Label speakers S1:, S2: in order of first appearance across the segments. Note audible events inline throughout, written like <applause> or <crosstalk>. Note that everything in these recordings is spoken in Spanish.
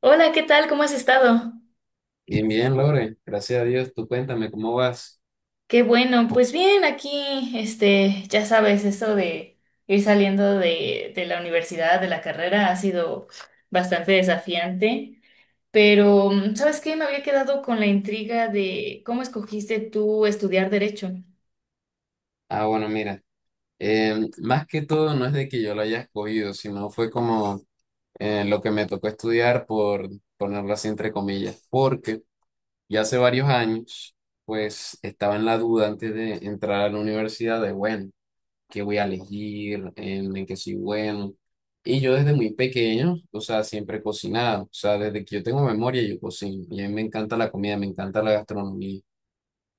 S1: Hola, ¿qué tal? ¿Cómo has estado?
S2: Bien, bien, Lore. Gracias a Dios. Tú cuéntame, ¿cómo vas?
S1: Qué bueno, pues bien, aquí, ya sabes, eso de ir saliendo de la universidad, de la carrera, ha sido bastante desafiante, pero ¿sabes qué? Me había quedado con la intriga de cómo escogiste tú estudiar derecho.
S2: Ah, bueno, mira. Más que todo, no es de que yo lo haya escogido, sino fue como lo que me tocó estudiar, por ponerlo así entre comillas, porque ya hace varios años, pues estaba en la duda antes de entrar a la universidad de, bueno, ¿qué voy a elegir? ¿En qué soy bueno? Y yo desde muy pequeño, o sea, siempre he cocinado. O sea, desde que yo tengo memoria, yo cocino. Y a mí me encanta la comida, me encanta la gastronomía.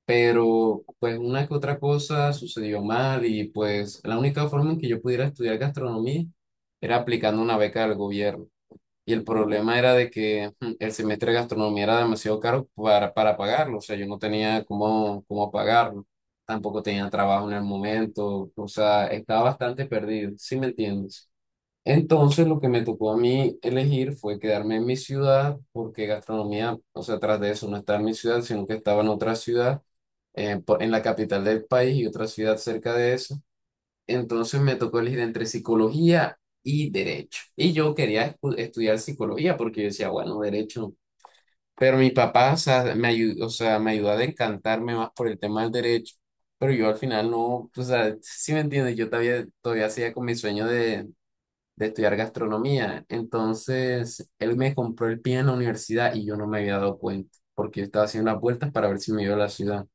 S2: Pero pues una que otra cosa sucedió mal y pues la única forma en que yo pudiera estudiar gastronomía era aplicando una beca del gobierno. Y el problema era de que el semestre de gastronomía era demasiado caro para pagarlo, o sea, yo no tenía cómo, cómo pagarlo, tampoco tenía trabajo en el momento, o sea, estaba bastante perdido, ¿sí me entiendes? Entonces lo que me tocó a mí elegir fue quedarme en mi ciudad porque gastronomía, o sea, tras de eso no estaba en mi ciudad, sino que estaba en otra ciudad, en la capital del país y otra ciudad cerca de eso. Entonces me tocó elegir entre psicología y derecho. Y yo quería estudiar psicología porque yo decía, bueno, derecho. Pero mi papá, o sea, me ayudó, o sea, me ayudó a decantarme más por el tema del derecho. Pero yo al final no, o sea, si me entiendes, yo todavía, todavía hacía con mi sueño de estudiar gastronomía. Entonces, él me compró el pie en la universidad y yo no me había dado cuenta, porque yo estaba haciendo las vueltas para ver si me iba a la ciudad.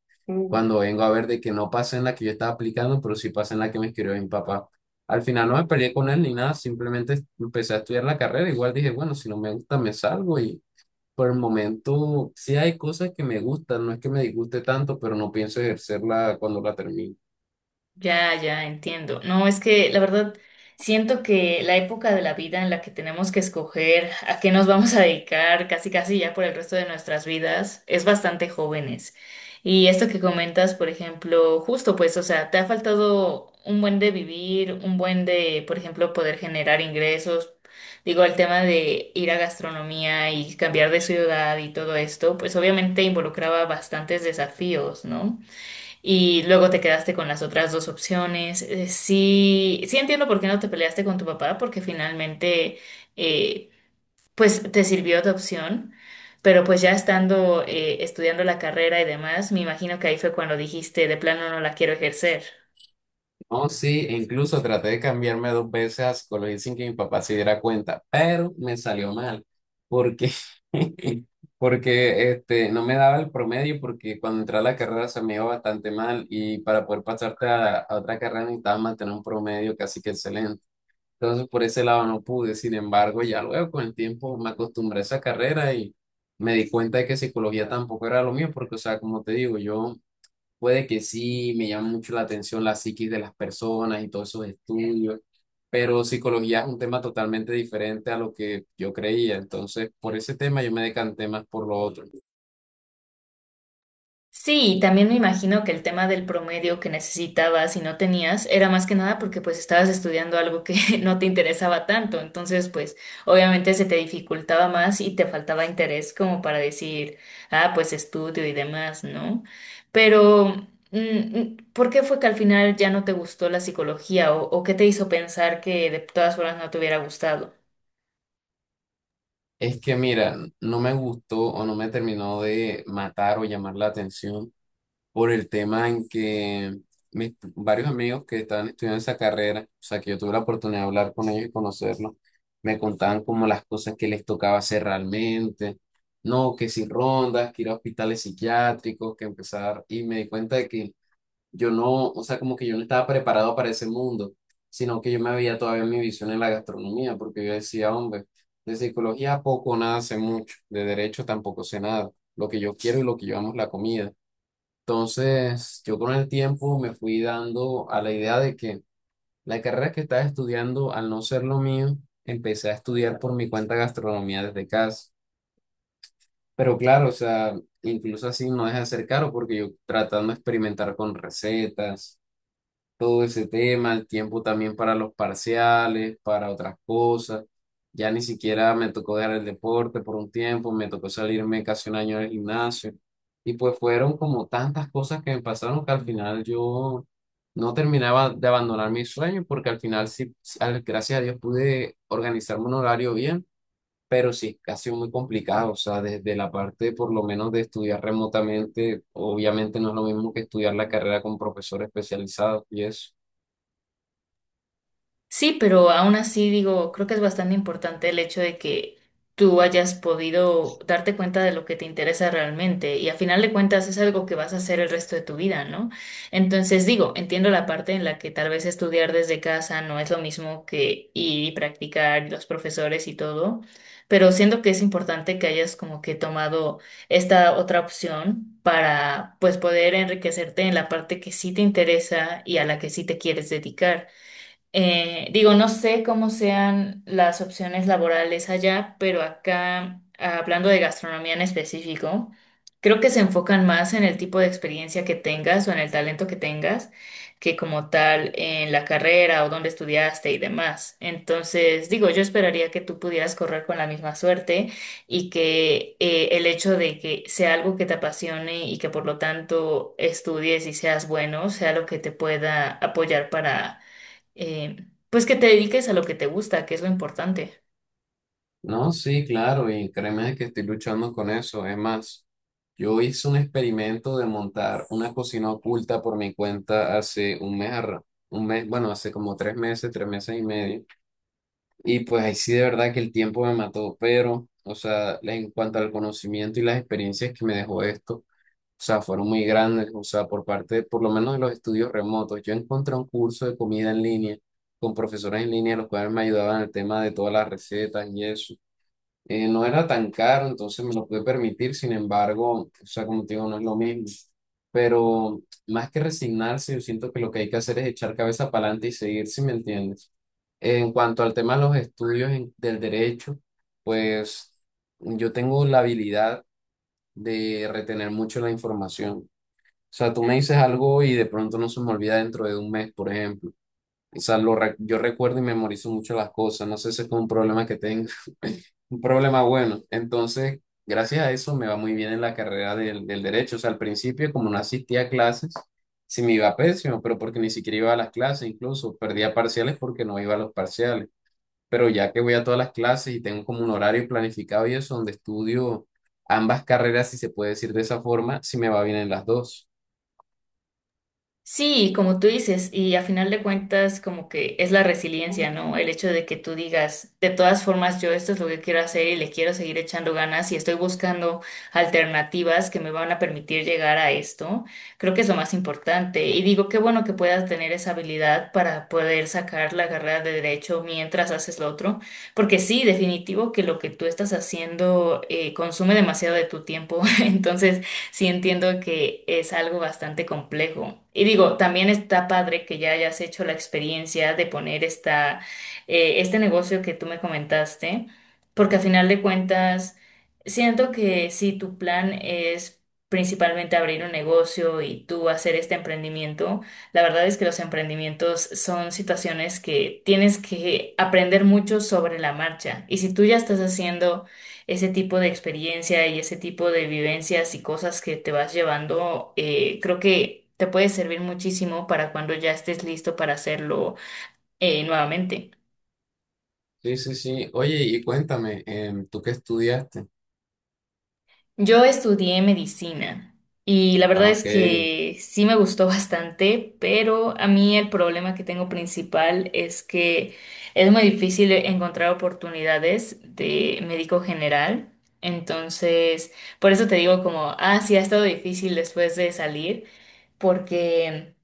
S2: Cuando vengo a ver de que no pasa en la que yo estaba aplicando, pero sí pasa en la que me escribió mi papá. Al final no me peleé con él ni nada, simplemente empecé a estudiar la carrera. Igual dije, bueno, si no me gusta, me salgo y por el momento sí hay cosas que me gustan, no es que me disguste tanto, pero no pienso ejercerla cuando la termine.
S1: Ya, ya, entiendo. No, es que la verdad siento que la época de la vida en la que tenemos que escoger a qué nos vamos a dedicar casi casi ya por el resto de nuestras vidas es bastante jóvenes. Y esto que comentas, por ejemplo, justo pues, o sea, te ha faltado un buen de vivir, un buen de, por ejemplo, poder generar ingresos. Digo, el tema de ir a gastronomía y cambiar de ciudad y todo esto, pues obviamente involucraba bastantes desafíos, ¿no? Y luego te quedaste con las otras dos opciones. Sí, sí entiendo por qué no te peleaste con tu papá, porque finalmente, eh, pues te sirvió tu opción. Pero pues ya estando estudiando la carrera y demás, me imagino que ahí fue cuando dijiste, de plano no la quiero ejercer.
S2: Oh, sí, e incluso traté de cambiarme dos veces a psicología sin que mi papá se diera cuenta, pero me salió mal, porque, <laughs> porque este, no me daba el promedio, porque cuando entré a la carrera se me iba bastante mal y para poder pasarte a otra carrera necesitaba mantener un promedio casi que excelente. Entonces, por ese lado no pude, sin embargo, ya luego con el tiempo me acostumbré a esa carrera y me di cuenta de que psicología tampoco era lo mío, porque, o sea, como te digo, yo... Puede que sí, me llama mucho la atención la psiquis de las personas y todos esos estudios, pero psicología es un tema totalmente diferente a lo que yo creía. Entonces, por ese tema yo me decanté más por lo otro.
S1: Sí, y también me imagino que el tema del promedio que necesitabas y no tenías era más que nada porque pues estabas estudiando algo que <laughs> no te interesaba tanto, entonces pues obviamente se te dificultaba más y te faltaba interés como para decir, ah, pues estudio y demás, ¿no? Pero ¿por qué fue que al final ya no te gustó la psicología o qué te hizo pensar que de todas formas no te hubiera gustado?
S2: Es que, mira, no me gustó o no me terminó de matar o llamar la atención por el tema en que mis varios amigos que estaban estudiando esa carrera, o sea, que yo tuve la oportunidad de hablar con ellos y conocerlos, me contaban como las cosas que les tocaba hacer realmente, no, que si rondas, que ir a hospitales psiquiátricos, que empezar, y me di cuenta de que yo no, o sea, como que yo no estaba preparado para ese mundo, sino que yo me veía todavía en mi visión en la gastronomía, porque yo decía, hombre, de psicología poco, o nada sé mucho, de derecho tampoco sé nada, lo que yo quiero y lo que yo amo es la comida. Entonces, yo con el tiempo me fui dando a la idea de que la carrera que estaba estudiando, al no ser lo mío, empecé a estudiar por mi cuenta gastronomía desde casa. Pero claro, o sea, incluso así no deja de ser caro porque yo tratando de experimentar con recetas, todo ese tema, el tiempo también para los parciales, para otras cosas. Ya ni siquiera me tocó dejar el deporte por un tiempo, me tocó salirme casi un año del gimnasio. Y pues fueron como tantas cosas que me pasaron que al final yo no terminaba de abandonar mis sueños porque al final sí, sí, gracias a Dios pude organizarme un horario bien, pero sí, ha sido muy complicado. O sea, desde la parte por lo menos de estudiar remotamente, obviamente no es lo mismo que estudiar la carrera con profesor especializado y eso.
S1: Sí, pero aún así digo, creo que es bastante importante el hecho de que tú hayas podido darte cuenta de lo que te interesa realmente y a final de cuentas es algo que vas a hacer el resto de tu vida, ¿no? Entonces digo, entiendo la parte en la que tal vez estudiar desde casa no es lo mismo que ir y practicar y los profesores y todo, pero siento que es importante que hayas como que tomado esta otra opción para pues poder enriquecerte en la parte que sí te interesa y a la que sí te quieres dedicar. Digo, no sé cómo sean las opciones laborales allá, pero acá, hablando de gastronomía en específico, creo que se enfocan más en el tipo de experiencia que tengas o en el talento que tengas, que como tal en la carrera o donde estudiaste y demás. Entonces, digo, yo esperaría que tú pudieras correr con la misma suerte y que el hecho de que sea algo que te apasione y que por lo tanto estudies y seas bueno, sea lo que te pueda apoyar para pues que te dediques a lo que te gusta, que es lo importante.
S2: No, sí, claro, y créeme que estoy luchando con eso. Es más, yo hice un experimento de montar una cocina oculta por mi cuenta hace un mes, un mes, bueno, hace como tres meses y medio. Y pues ahí sí de verdad que el tiempo me mató, pero, o sea, en cuanto al conocimiento y las experiencias que me dejó esto, o sea, fueron muy grandes, o sea, por parte, por lo menos de los estudios remotos. Yo encontré un curso de comida en línea con profesores en línea, los cuales me ayudaban en el tema de todas las recetas y eso. No era tan caro, entonces me lo pude permitir, sin embargo, o sea, como te digo, no es lo mismo. Pero más que resignarse, yo siento que lo que hay que hacer es echar cabeza para adelante y seguir, si me entiendes. En cuanto al tema de los estudios del derecho, pues yo tengo la habilidad de retener mucho la información. O sea, tú me dices algo y de pronto no se me olvida dentro de un mes, por ejemplo. O sea, yo recuerdo y memorizo mucho las cosas. No sé si es un problema que tengo. Un problema bueno. Entonces, gracias a eso me va muy bien en la carrera del, del derecho. O sea, al principio, como no asistía a clases, sí me iba pésimo, pero porque ni siquiera iba a las clases, incluso perdía parciales porque no iba a los parciales. Pero ya que voy a todas las clases y tengo como un horario planificado y eso, donde estudio ambas carreras, si se puede decir de esa forma, sí me va bien en las dos.
S1: Sí, como tú dices, y a final de cuentas como que es la resiliencia, ¿no? El hecho de que tú digas, de todas formas, yo esto es lo que quiero hacer y le quiero seguir echando ganas y estoy buscando alternativas que me van a permitir llegar a esto, creo que es lo más importante. Y digo, qué bueno que puedas tener esa habilidad para poder sacar la carrera de derecho mientras haces lo otro, porque sí, definitivo que lo que tú estás haciendo consume demasiado de tu tiempo, <laughs> entonces sí entiendo que es algo bastante complejo. Y digo, también está padre que ya hayas hecho la experiencia de poner este negocio que tú me comentaste, porque a final de cuentas, siento que si tu plan es principalmente abrir un negocio y tú hacer este emprendimiento, la verdad es que los emprendimientos son situaciones que tienes que aprender mucho sobre la marcha. Y si tú ya estás haciendo ese tipo de experiencia y ese tipo de vivencias y cosas que te vas llevando, creo que te puede servir muchísimo para cuando ya estés listo para hacerlo nuevamente.
S2: Sí, sí, sí. Oye, y cuéntame, ¿tú qué estudiaste?
S1: Yo estudié medicina y la verdad
S2: Ah,
S1: es
S2: ok.
S1: que sí me gustó <laughs> bastante, pero a mí el problema que tengo principal es que es muy difícil encontrar oportunidades de médico general. Entonces, por eso te digo como, ah, sí, ha estado difícil después de salir, porque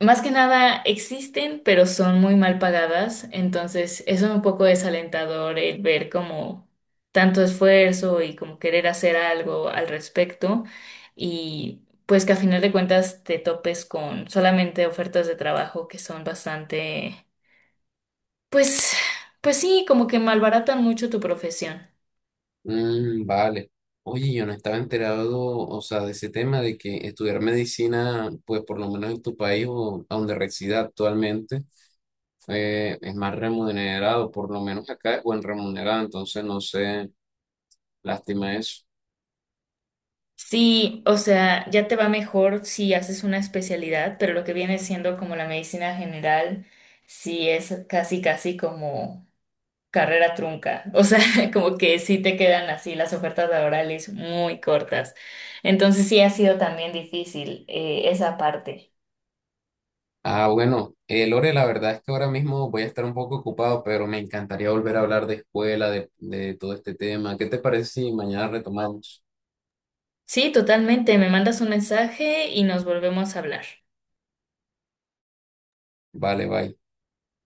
S1: más que nada existen, pero son muy mal pagadas, entonces eso es un poco desalentador el ver como tanto esfuerzo y como querer hacer algo al respecto y pues que a final de cuentas te topes con solamente ofertas de trabajo que son bastante, pues, pues sí, como que malbaratan mucho tu profesión.
S2: Mm, vale. Oye, yo no estaba enterado, o sea, de ese tema de que estudiar medicina, pues por lo menos en tu país o a donde resida actualmente, es más remunerado, por lo menos acá es buen remunerado, entonces no sé, lástima eso.
S1: Sí, o sea, ya te va mejor si haces una especialidad, pero lo que viene siendo como la medicina general, sí es casi, casi como carrera trunca. O sea, <laughs> como que sí te quedan así las ofertas laborales muy cortas. Entonces sí ha sido también difícil esa parte.
S2: Ah, bueno, Lore, la verdad es que ahora mismo voy a estar un poco ocupado, pero me encantaría volver a hablar de escuela, de todo este tema. ¿Qué te parece si mañana retomamos?
S1: Sí, totalmente. Me mandas un mensaje y nos volvemos a hablar.
S2: Vale, bye.